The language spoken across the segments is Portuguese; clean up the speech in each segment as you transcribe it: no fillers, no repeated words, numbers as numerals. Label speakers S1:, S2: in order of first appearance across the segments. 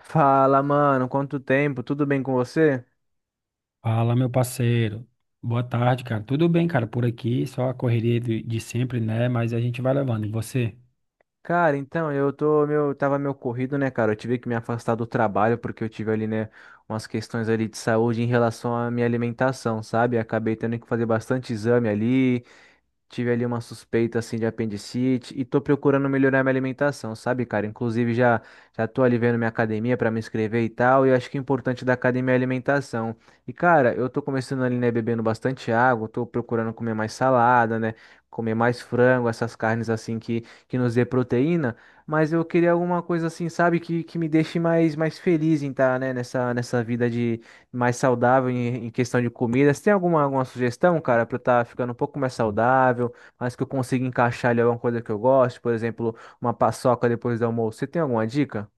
S1: Fala, mano, quanto tempo? Tudo bem com você?
S2: Fala, meu parceiro. Boa tarde, cara. Tudo bem, cara, por aqui, só a correria de sempre, né? Mas a gente vai levando. E você?
S1: Cara, então, tava meio corrido, né, cara? Eu tive que me afastar do trabalho porque eu tive ali, né, umas questões ali de saúde em relação à minha alimentação, sabe? Acabei tendo que fazer bastante exame ali. Tive ali uma suspeita assim de apendicite e tô procurando melhorar minha alimentação, sabe, cara? Inclusive já tô ali vendo minha academia para me inscrever e tal, e eu acho que o importante da academia é a alimentação. E cara, eu tô começando ali, né, bebendo bastante água, tô procurando comer mais salada, né, comer mais frango, essas carnes assim que nos dê proteína, mas eu queria alguma coisa assim, sabe, que me deixe mais feliz em estar, né, nessa vida mais saudável em, em questão de comida. Você tem alguma sugestão, cara, pra eu estar ficando um pouco mais saudável, mas que eu consiga encaixar ali alguma coisa que eu gosto, por exemplo, uma paçoca depois do almoço. Você tem alguma dica?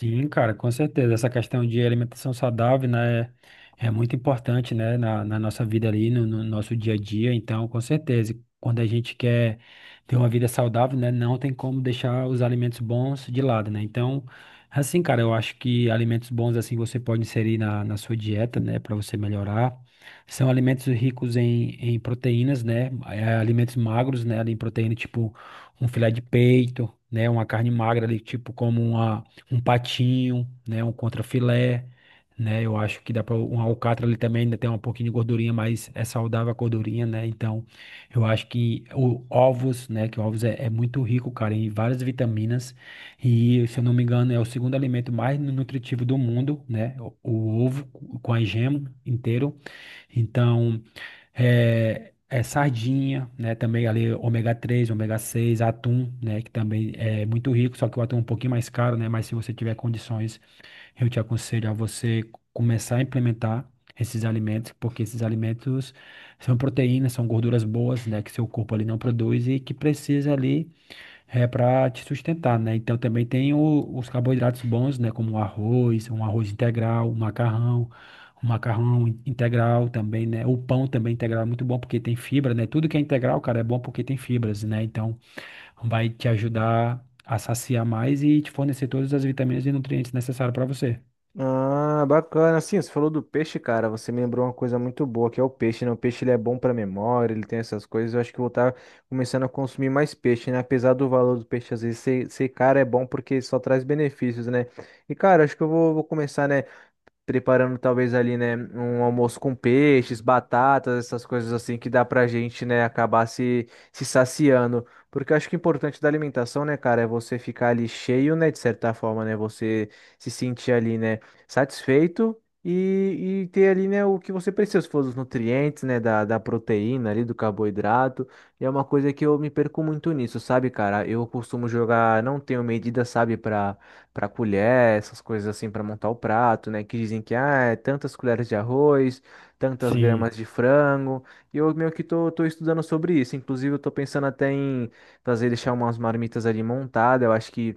S2: Sim, cara, com certeza. Essa questão de alimentação saudável, né, é muito importante, né, na nossa vida ali, no nosso dia a dia. Então, com certeza, quando a gente quer ter uma vida saudável, né, não tem como deixar os alimentos bons de lado, né? Então, assim, cara, eu acho que alimentos bons, assim, você pode inserir na sua dieta, né, para você melhorar. São alimentos ricos em proteínas, né, alimentos magros, né, ali em proteína, tipo um filé de peito, né, uma carne magra ali, tipo como uma um patinho, né, um contrafilé, né? Eu acho que dá para um alcatra ali também ainda tem um pouquinho de gordurinha, mas é saudável a gordurinha, né? Então, eu acho que o ovos, né, que ovos é muito rico, cara, em várias vitaminas e, se eu não me engano, é o segundo alimento mais nutritivo do mundo, né? O ovo com a gema inteiro. Então, é sardinha, né? Também ali ômega 3 ômega 6 atum, né? Que também é muito rico, só que o atum é um pouquinho mais caro, né? Mas se você tiver condições, eu te aconselho a você começar a implementar esses alimentos, porque esses alimentos são proteínas, são gorduras boas, né? Que seu corpo ali não produz e que precisa ali é para te sustentar, né? Então também tem os carboidratos bons, né? Como o arroz, um arroz integral, o macarrão integral também, né? O pão também integral é muito bom porque tem fibra, né? Tudo que é integral, cara, é bom porque tem fibras, né? Então vai te ajudar a saciar mais e te fornecer todas as vitaminas e nutrientes necessários para você.
S1: Ah, bacana. Assim, você falou do peixe, cara. Você me lembrou uma coisa muito boa, que é o peixe, né? O peixe ele é bom pra memória, ele tem essas coisas. Eu acho que eu vou estar começando a consumir mais peixe, né? Apesar do valor do peixe às vezes ser caro, é bom porque só traz benefícios, né? E, cara, acho que eu vou começar, né, preparando talvez ali, né, um almoço com peixes, batatas, essas coisas assim que dá pra gente, né, acabar se saciando. Porque eu acho que o importante da alimentação, né, cara, é você ficar ali cheio, né, de certa forma, né, você se sentir ali, né, satisfeito e ter ali, né, o que você precisa, se for os nutrientes, né, da proteína ali, do carboidrato. E é uma coisa que eu me perco muito nisso, sabe, cara? Eu costumo jogar, não tenho medida, sabe, pra para colher, essas coisas assim para montar o prato, né? Que dizem que ah, é tantas colheres de arroz, tantas
S2: Sim,
S1: gramas de frango. E eu meio que tô estudando sobre isso. Inclusive, eu tô pensando até em fazer deixar umas marmitas ali montadas. Eu acho que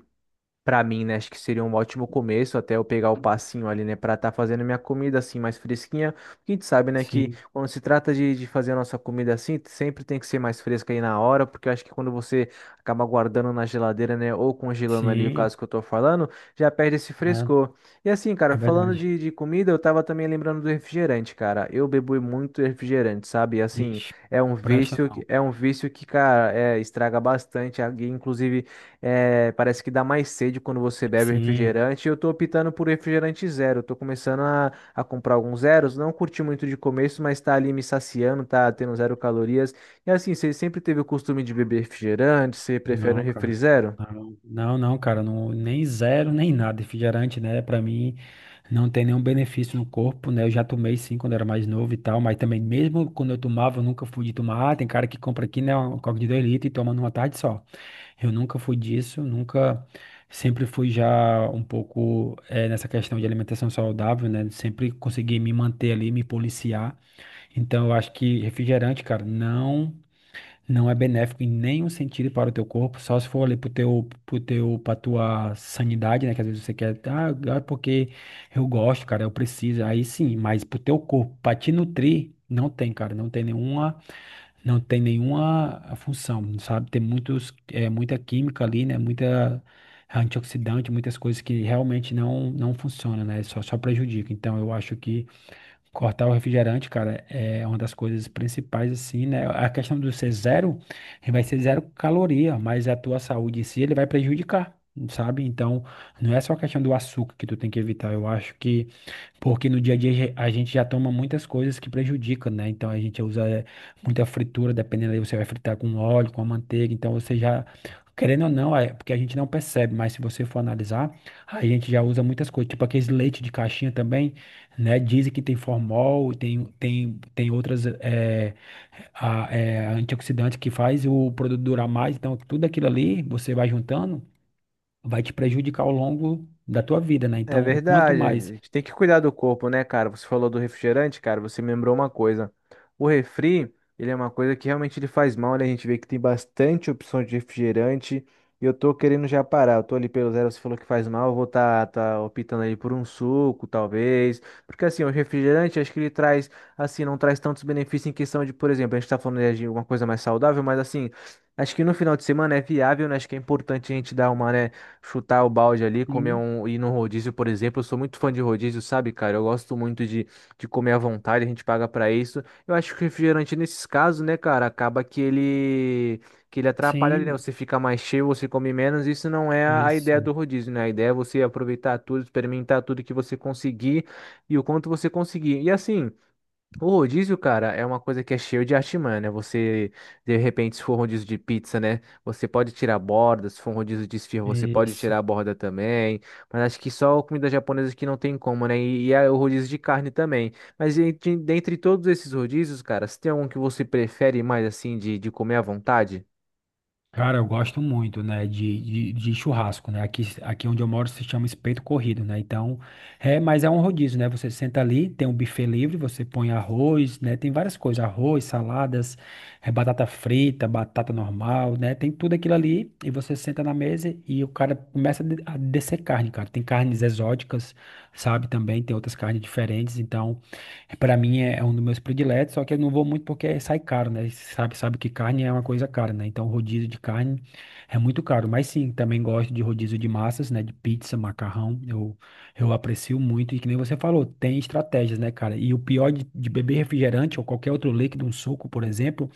S1: pra mim, né, acho que seria um ótimo começo até eu pegar o passinho ali, né, pra tá fazendo minha comida assim mais fresquinha. Porque a gente sabe, né, que
S2: sim,
S1: quando se trata de fazer a nossa comida assim, sempre tem que ser mais fresca aí na hora, porque eu acho que quando você acaba guardando na geladeira, né, ou congelando ali, o
S2: sim,
S1: caso que eu tô falando, já perde esse
S2: né?
S1: frescor. E assim,
S2: É
S1: cara, falando
S2: verdade.
S1: de comida, eu tava também lembrando do refrigerante, cara. Eu bebo muito refrigerante, sabe? Assim,
S2: Ixi, presta não.
S1: é um vício que, cara, é, estraga bastante. Alguém, inclusive, é, parece que dá mais sede quando você bebe
S2: Sim.
S1: refrigerante. Eu tô optando por refrigerante zero. Eu tô começando a comprar alguns zeros. Não curti muito de começo, mas tá ali me saciando, tá tendo zero calorias. E assim, você sempre teve o costume de beber refrigerante? Você prefere um
S2: Não,
S1: refri
S2: cara.
S1: zero?
S2: Não, não, não, cara, não, nem zero, nem nada. Refrigerante, né? Pra mim, não tem nenhum benefício no corpo, né? Eu já tomei sim quando era mais novo e tal, mas também, mesmo quando eu tomava, eu nunca fui de tomar. Ah, tem cara que compra aqui, né? Um coca de 2 litros e toma numa tarde só. Eu nunca fui disso, nunca. Sempre fui já um pouco nessa questão de alimentação saudável, né? Sempre consegui me manter ali, me policiar. Então, eu acho que refrigerante, cara, não. Não é benéfico em nenhum sentido para o teu corpo, só se for ali pro teu, pra tua sanidade, né? Que às vezes você quer, ah, é porque eu gosto, cara, eu preciso. Aí sim, mas pro teu corpo, pra te nutrir, não tem, cara, não tem nenhuma função, sabe? Tem muitos, muita química ali, né? Muita antioxidante, muitas coisas que realmente não funcionam, né? Só prejudica. Então eu acho que cortar o refrigerante, cara, é uma das coisas principais, assim, né? A questão do ser zero, ele vai ser zero caloria, mas a tua saúde em si, ele vai prejudicar, sabe? Então, não é só a questão do açúcar que tu tem que evitar. Eu acho que porque no dia a dia a gente já toma muitas coisas que prejudicam, né? Então a gente usa muita fritura, dependendo aí, você vai fritar com óleo, com a manteiga, então você já, querendo ou não, é porque a gente não percebe, mas se você for analisar, a gente já usa muitas coisas, tipo aqueles leite de caixinha também, né? Dizem que tem formol, tem outras antioxidantes que faz o produto durar mais, então tudo aquilo ali você vai juntando, vai te prejudicar ao longo da tua vida, né?
S1: É
S2: Então, o quanto
S1: verdade, a
S2: mais.
S1: gente tem que cuidar do corpo, né, cara? Você falou do refrigerante, cara, você me lembrou uma coisa. O refri, ele é uma coisa que realmente ele faz mal, né? A gente vê que tem bastante opção de refrigerante e eu tô querendo já parar. Eu tô ali pelo zero, você falou que faz mal, eu vou tá optando aí por um suco, talvez. Porque assim, o refrigerante, acho que ele traz, assim, não traz tantos benefícios em questão de, por exemplo, a gente tá falando né, de uma coisa mais saudável, mas assim, acho que no final de semana é viável, né? Acho que é importante a gente dar uma, né, chutar o balde ali, comer
S2: Sim.
S1: um, ir num rodízio, por exemplo. Eu sou muito fã de rodízio, sabe, cara? Eu gosto muito de comer à vontade, a gente paga pra isso. Eu acho que o refrigerante, nesses casos, né, cara, acaba que ele atrapalha, né?
S2: Sim,
S1: Você fica mais cheio, você come menos. Isso não é a ideia do
S2: isso,
S1: rodízio, né? A ideia é você aproveitar tudo, experimentar tudo que você conseguir e o quanto você conseguir. E assim, o rodízio, cara, é uma coisa que é cheio de artimanha, né? Você, de repente, se for um rodízio de pizza, né? Você pode tirar a borda, se for um rodízio de esfirra, você pode
S2: isso.
S1: tirar a borda também. Mas acho que só comida japonesa que não tem como, né? E é o rodízio de carne também. Mas dentre todos esses rodízios, cara, se tem algum que você prefere mais, assim, de comer à vontade?
S2: Cara, eu gosto muito, né, de churrasco, né? Aqui onde eu moro se chama espeto corrido, né? Então, é, mas é um rodízio, né? Você senta ali, tem um buffet livre, você põe arroz, né? Tem várias coisas, arroz, saladas, batata frita, batata normal, né? Tem tudo aquilo ali e você senta na mesa e o cara começa a descer carne, cara. Tem carnes exóticas, sabe? Também tem outras carnes diferentes, então é, pra mim é um dos meus prediletos, só que eu não vou muito porque sai caro, né? Sabe, sabe que carne é uma coisa cara, né? Então rodízio de carne é muito caro. Mas sim, também gosto de rodízio de massas, né? De pizza, macarrão. Eu aprecio muito. E que nem você falou, tem estratégias, né, cara? E o pior de beber refrigerante ou qualquer outro líquido, um suco, por exemplo,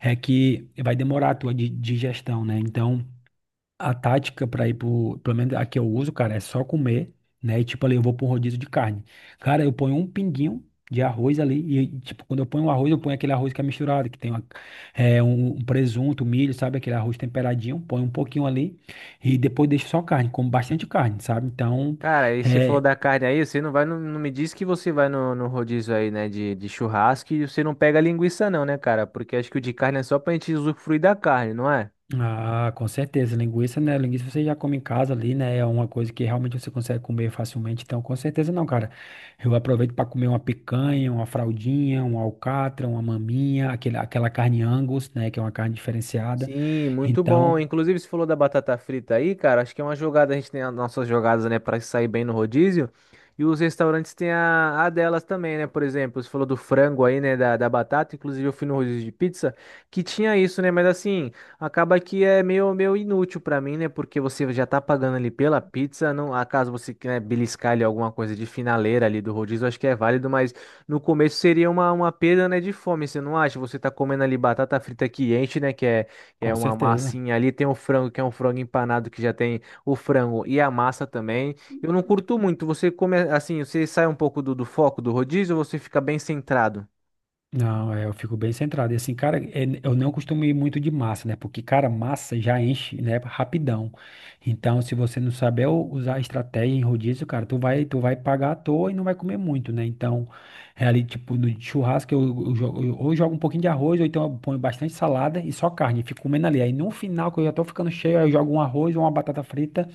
S2: é que vai demorar a tua digestão, né? Então. A tática pra ir pro, pelo menos a que eu uso, cara, é só comer, né? E tipo ali, eu vou pra um rodízio de carne. Cara, eu ponho um pinguinho de arroz ali e tipo, quando eu ponho o arroz, eu ponho aquele arroz que é misturado, que tem um presunto, milho, sabe? Aquele arroz temperadinho, ponho um pouquinho ali e depois deixo só carne, como bastante carne, sabe? Então,
S1: Cara, aí você falou
S2: é,
S1: da carne aí, você não vai, no- não, me diz que você vai no rodízio aí, né, de churrasco e você não pega linguiça não, né, cara? Porque acho que o de carne é só pra gente usufruir da carne, não é?
S2: ah, com certeza. Linguiça, né? Linguiça você já come em casa ali, né? É uma coisa que realmente você consegue comer facilmente. Então, com certeza não, cara. Eu aproveito para comer uma picanha, uma fraldinha, um alcatra, uma maminha, aquela carne Angus, né? Que é uma carne diferenciada.
S1: Sim, muito
S2: Então,
S1: bom. Inclusive, você falou da batata frita aí, cara. Acho que é uma jogada, a gente tem as nossas jogadas, né, para sair bem no rodízio. E os restaurantes têm a delas também, né? Por exemplo, você falou do frango aí, né, da batata. Inclusive, eu fui no rodízio de pizza que tinha isso, né? Mas assim, acaba que é meio inútil para mim, né? Porque você já tá pagando ali pela pizza. Não, acaso você quer né, beliscar ali alguma coisa de finaleira ali do rodízio, acho que é válido, mas no começo seria uma perda, né, de fome, você não acha? Você tá comendo ali batata frita que enche, né? Que é
S2: com
S1: uma
S2: certeza.
S1: massinha ali. Tem o frango, que é um frango empanado, que já tem o frango e a massa também. Eu não curto muito. Você come assim, você sai um pouco do foco do rodízio ou você fica bem centrado?
S2: Não, é, eu fico bem centrado. E assim, cara, é, eu não costumo ir muito de massa, né? Porque, cara, massa já enche, né? Rapidão. Então, se você não saber usar a estratégia em rodízio, cara, tu vai pagar à toa e não vai comer muito, né? Então, é ali, tipo, no churrasco, ou eu jogo um pouquinho de arroz, ou então eu ponho bastante salada e só carne. Fico comendo ali. Aí, no final, que eu já tô ficando cheio, aí eu jogo um arroz ou uma batata frita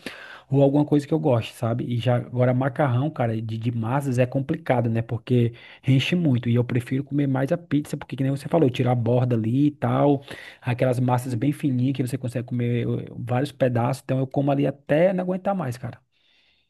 S2: ou alguma coisa que eu goste, sabe? E já agora macarrão, cara, de massas é complicado, né? Porque enche muito e eu prefiro comer mais a pizza, porque que nem você falou, tirar a borda ali e tal, aquelas massas bem fininhas que você consegue comer vários pedaços, então eu como ali até não aguentar mais, cara.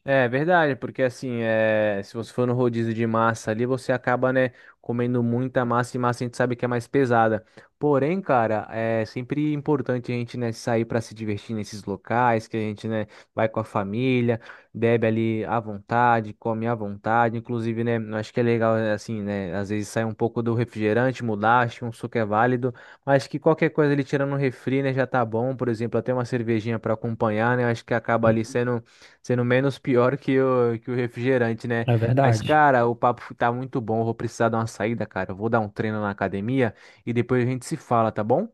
S1: É verdade, porque assim, é, se você for no rodízio de massa ali, você acaba, né, comendo muita massa e massa a gente sabe que é mais pesada. Porém, cara, é sempre importante a gente, né, sair para se divertir nesses locais, que a gente, né, vai com a família, bebe ali à vontade, come à vontade. Inclusive, né, eu acho que é legal, é, assim, né, às vezes sair um pouco do refrigerante, mudar, acho que um suco é válido, mas que qualquer coisa ali tirando um refri, né, já tá bom. Por exemplo, até uma cervejinha para acompanhar, né, eu acho que acaba ali
S2: Sim.
S1: sendo sendo menos pior que o refrigerante, né?
S2: É
S1: Mas,
S2: verdade.
S1: cara, o papo tá muito bom. Eu vou precisar dar uma saída, cara. Eu vou dar um treino na academia e depois a gente se fala, tá bom?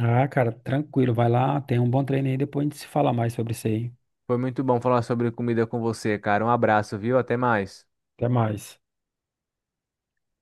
S2: Ah, cara, tranquilo, vai lá, tem um bom treino aí, depois a gente se fala mais sobre isso aí.
S1: Foi muito bom falar sobre comida com você, cara. Um abraço, viu? Até mais.
S2: Até mais.